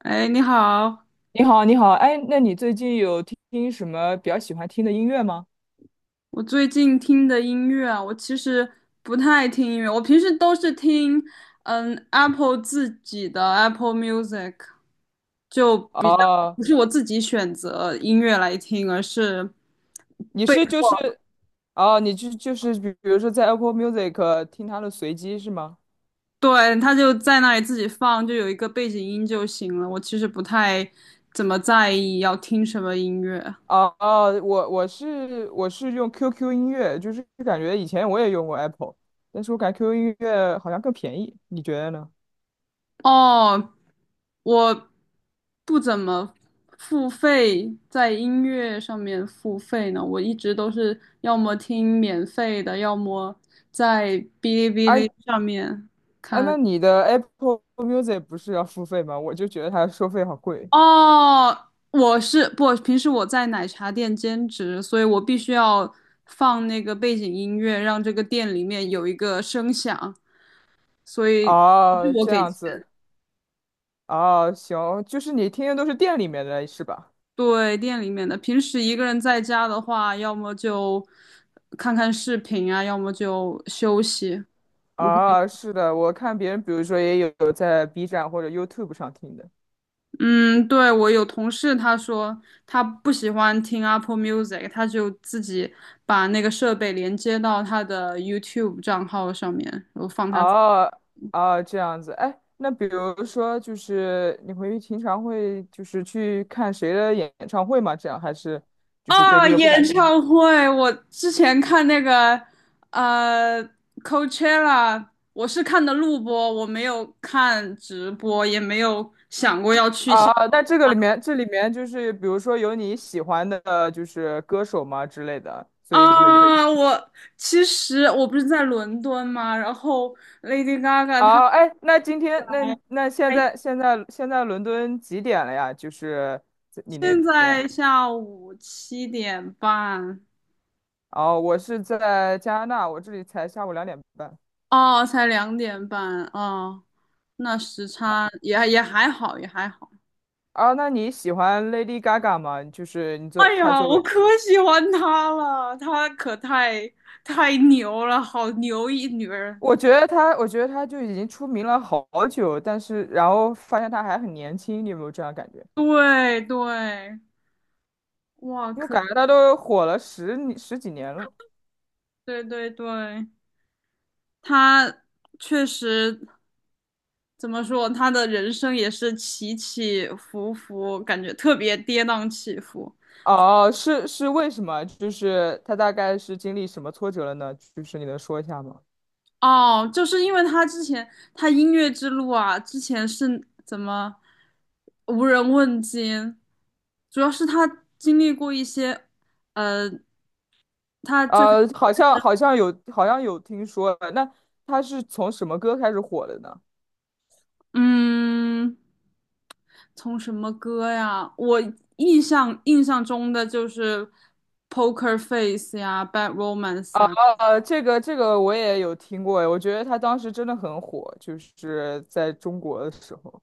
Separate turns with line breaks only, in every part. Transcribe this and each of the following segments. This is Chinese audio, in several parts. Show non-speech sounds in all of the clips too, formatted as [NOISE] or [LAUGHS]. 哎，你好！
你好，你好，哎，那你最近有听什么比较喜欢听的音乐吗？
我最近听的音乐啊，我其实不太听音乐，我平时都是听Apple 自己的 Apple Music，就比较
哦，
不是我自己选择音乐来听，而是
你
背，
是就是，哦，你就是比如说在 Apple Music 听它的随机是吗？
对，它就在那里自己放，就有一个背景音就行了。我其实不太怎么在意要听什么音乐。
哦哦，我是用 QQ 音乐，就是感觉以前我也用过 Apple，但是我感觉 QQ 音乐好像更便宜，你觉得呢？
哦，我不怎么付费，在音乐上面付费呢，我一直都是要么听免费的，要么在哔哩哔
哎
哩上面
哎，
看。
那你的 Apple Music 不是要付费吗？我就觉得它收费好贵。
哦，我是不，平时我在奶茶店兼职，所以我必须要放那个背景音乐，让这个店里面有一个声响，所以不是
哦，
我
这
给。
样子，哦，行，就是你听的都是店里面的是吧？
对，店里面的，平时一个人在家的话，要么就看看视频啊，要么就休息，不会。
啊，是的，我看别人，比如说也有在 B 站或者 YouTube 上听的。
嗯，对，我有同事，他说他不喜欢听 Apple Music，他就自己把那个设备连接到他的 YouTube 账号上面，然后放他。
哦哦，这样子。哎，那比如说，就是你会平常会就是去看谁的演唱会吗？这样还是就是对
啊，
这个不感
演
兴趣？
唱会，我之前看那个呃 Coachella，我是看的录播，我没有看直播，也没有想过要去
啊，
现。
那这个里面这里面就是比如说有你喜欢的就是歌手吗之类的，所以你会去。
啊。我其实不是在伦敦嘛，然后 Lady Gaga 她。
哦，哎，那今天那现在伦敦几点了呀？就是你那
现
边。
在下午7点半。
哦，我是在加拿大，我这里才下午两点半。
哦，才2点半。哦，那时差也还好，也还好。
啊，那你喜欢 Lady Gaga 吗？就是你作
哎
她
呀，
作
我
为，
可喜欢她了，她可太牛了，好牛一女人。
我觉得她，我觉得她就已经出名了好久，但是然后发现她还很年轻，你有没有这样感觉？
对对，哇，
因为我感觉她都火了十年十几年了。
对对对，她确实怎么说，她的人生也是起起伏伏，感觉特别跌宕起伏。
哦，是为什么？就是她大概是经历什么挫折了呢？就是你能说一下吗？
哦，就是因为她之前她音乐之路啊，之前是怎么无人问津，主要是她经历过一些。呃他最开。
呃，好像好像有好像有听说，那她是从什么歌开始火的呢？
嗯，从什么歌呀？我印象中的就是《Poker Face》呀，《Bad Romance》啊。
啊，这个我也有听过，我觉得他当时真的很火，就是在中国的时候。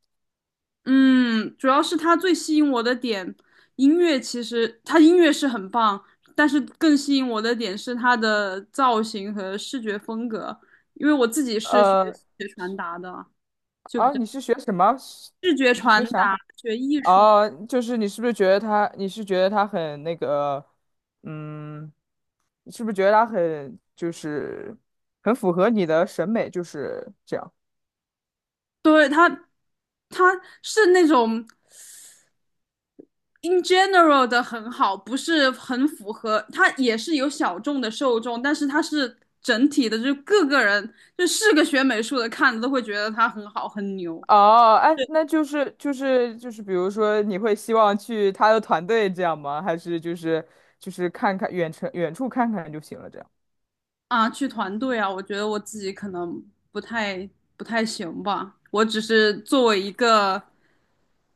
嗯，主要是他最吸引我的点，音乐其实他音乐是很棒，但是更吸引我的点是他的造型和视觉风格，因为我自己是学
呃，
视觉传达的，就比
啊，
较
你是学什么？是
视觉
你是
传
学
达，
啥？
学艺术。
哦、就是你是不是觉得他？你是觉得他很那个？嗯，你是不是觉得他很就是很符合你的审美？就是这样。
对，他是那种。in general 的很好，不是很符合，它也是有小众的受众，但是它是整体的，就是各个人，就是个学美术的看着都会觉得它很好很牛
哦，哎，那就是，比如说，你会希望去他的团队这样吗？还是就是看看远程远处看看就行了这样？
啊。去团队啊，我觉得我自己可能不太不太行吧，我只是作为一个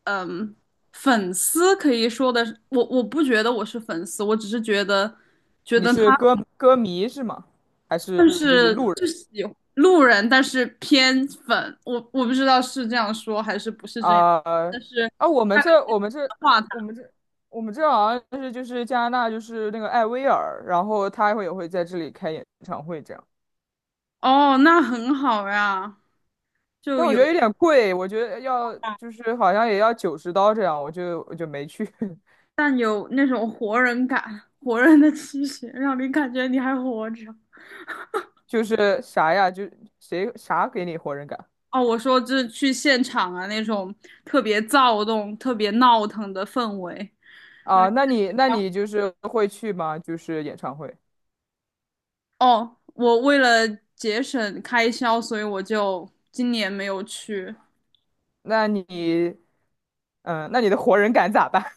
嗯粉丝可以说的，我不觉得我是粉丝，我只是觉得觉
你
得他
是歌迷是吗？还是
但
就是
是
路人
就喜路人，但是偏粉，我不知道是这样说还是不是这样，
啊？
但是
啊，我们
大概
这我们这
的话谈。
我们这我们这好像是就是加拿大就是那个艾薇儿，然后他会也会在这里开演唱会这样，
哦，那很好呀，就
但我
有
觉得有点贵，我觉得要就是好像也要九十刀这样，我就没去，[LAUGHS]
但有那种活人感，活人的气息，让你感觉你还活着。
就是啥呀，就谁啥给你活人感
哦，我说就是去现场啊，那种特别躁动、特别闹腾的氛围。让
啊？
你。
那你就是会去吗？就是演唱会，
哦，我为了节省开销，所以我就今年没有去，
那你嗯，那你的活人感咋办？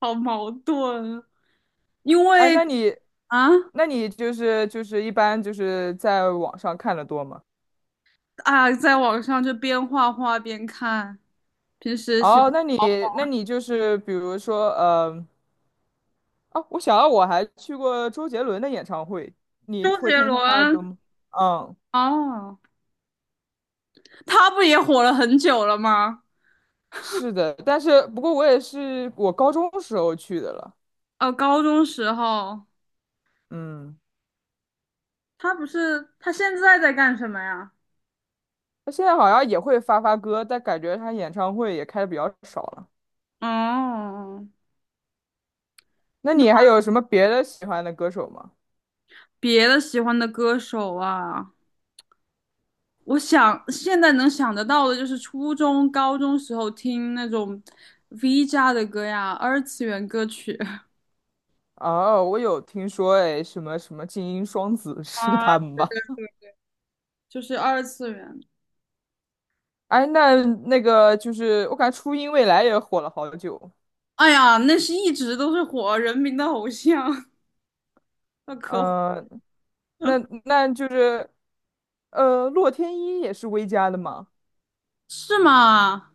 好矛盾啊。因
哎，
为
那你，
啊
那你就是一般就是在网上看的多吗？
在网上就边画画边看，平时喜欢。
哦，那你
哦，
那你就是比如说，啊，我想到我还去过周杰伦的演唱会，你
周
会
杰
听他的歌
伦。
吗？嗯，
哦，他不也火了很久了吗？
是的，但是不过我也是我高中时候去的了，
哦，高中时候，
嗯，
他不是，他现在在干什么呀？
他现在好像也会发歌，但感觉他演唱会也开的比较少了。
哦，
那你还有什么别的喜欢的歌手吗？
别的喜欢的歌手啊，我想现在能想得到的就是初中、高中时候听那种 V 家的歌呀，二次元歌曲
哦，我有听说，哎，什么什么精英双子 [LAUGHS]
[LAUGHS]
是
啊，
他们吧？
就是二次元。
哎，那那个就是，我感觉初音未来也火了好久。
哎呀，那是一直都是火人民的偶像，那可火。
呃，那那就是，呃，洛天依也是薇家的吗？
是吗？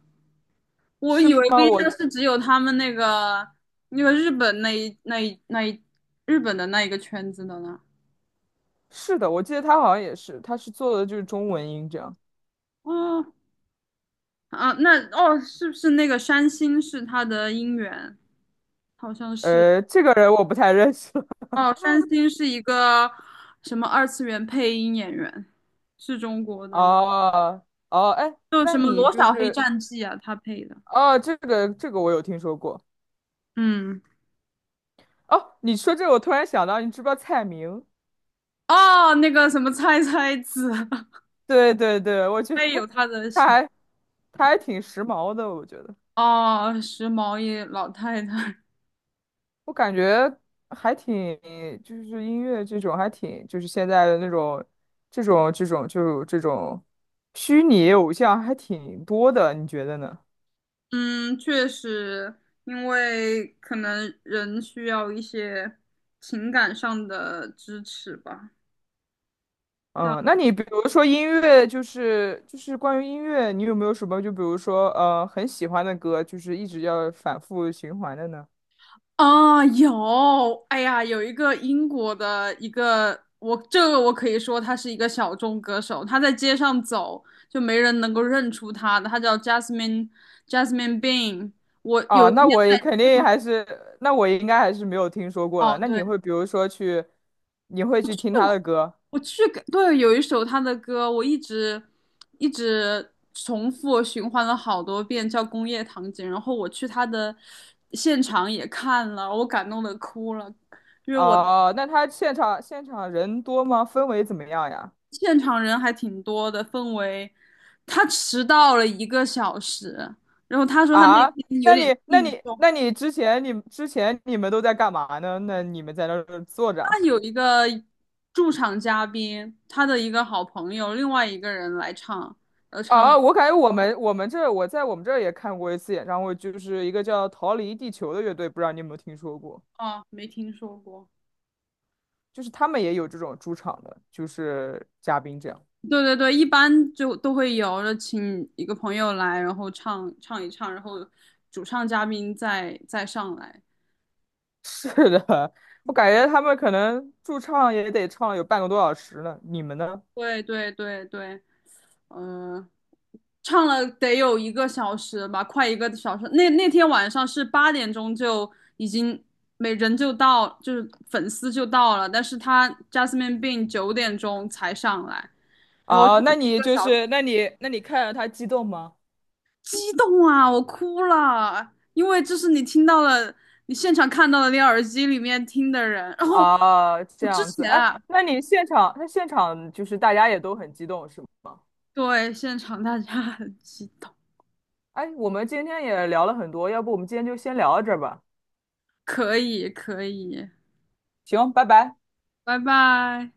我
是
以为
吗？
V
我
社是只有他们那个日本那一日本的那一个圈子的呢。
是的，我记得他好像也是，他是做的就是中文音这样。
哦啊，那哦，是不是那个山新是他的音源？好像是。
呃，这个人我不太认识。[LAUGHS]
哦，山新是一个什么二次元配音演员，是中国的一个，
哦哦，哎，
就
那
什么
你
《罗
就
小黑
是
战记》啊，他配的。
哦，这个我有听说过。
嗯，
哦，你说这个，我突然想到，你知不知道蔡明？
哦，那个什么菜菜子。[LAUGHS]
对对对，我觉得
也有他的。
他还他还挺时髦的，我觉得
哦，时髦一老太太。[LAUGHS]
我感觉还挺就是音乐这种还挺就是现在的那种这种虚拟偶像还挺多的，你觉得呢？
嗯，确实，因为可能人需要一些情感上的支持吧。
嗯，那你比如说音乐，就是关于音乐，你有没有什么就比如说很喜欢的歌，就是一直要反复循环的呢？
啊，有，哎呀，有一个英国的一个，我这个我可以说他是一个小众歌手，他在街上走就没人能够认出他的，他叫 Jasmine Bean。我有
哦，
一
那
天
我也
在
肯
街
定
上，
还是，那我应该还是没有听说过了。
哦，
那你
对，
会比如说去，你会去听他的歌？
我去感，对，有一首他的歌，我一直一直重复循环了好多遍，叫《工业糖精》。然后我去他的现场也看了，我感动的哭了，因为我
哦，那他现场人多吗？氛围怎么样呀？
现场人还挺多的，氛围。他迟到了一个小时，然后他说他那
啊，
天有
那
点
你那
病
你
重，
那你之前你之前你们都在干嘛呢？那你们在那儿坐着
他
啊？
有一个驻场嘉宾，他的一个好朋友，另外一个人来唱，然后唱了，
啊，我感觉我们这儿也看过一次演唱会，就是一个叫《逃离地球》的乐队，不知道你有没有听说过？
哦，没听说过。
就是他们也有这种驻场的，就是嘉宾这样。
对对对，一般就都会有，就请一个朋友来，然后唱唱一唱，然后主唱嘉宾再上来。
是的，我感觉他们可能驻唱也得唱了有半个多小时了。你们呢？
对对对对，嗯，唱了得有一个小时吧，快一个小时。那那天晚上是8点钟就已经每人就到，就是粉丝就到了，但是他 Jasmine Bean 9点钟才上来，然后唱
啊，那
了一
你
个
就
小时。
是，那你看着他激动吗？
激动啊，我哭了，因为这是你听到了，你现场看到了，你耳机里面听的人。[LAUGHS] 然后
啊，这
我之
样子，
前
哎，
啊，
那你现场，那现场就是大家也都很激动，是吗？
对，现场大家很激动，
哎，我们今天也聊了很多，要不我们今天就先聊到这儿吧？
可以，可以，
行，拜拜。
拜拜。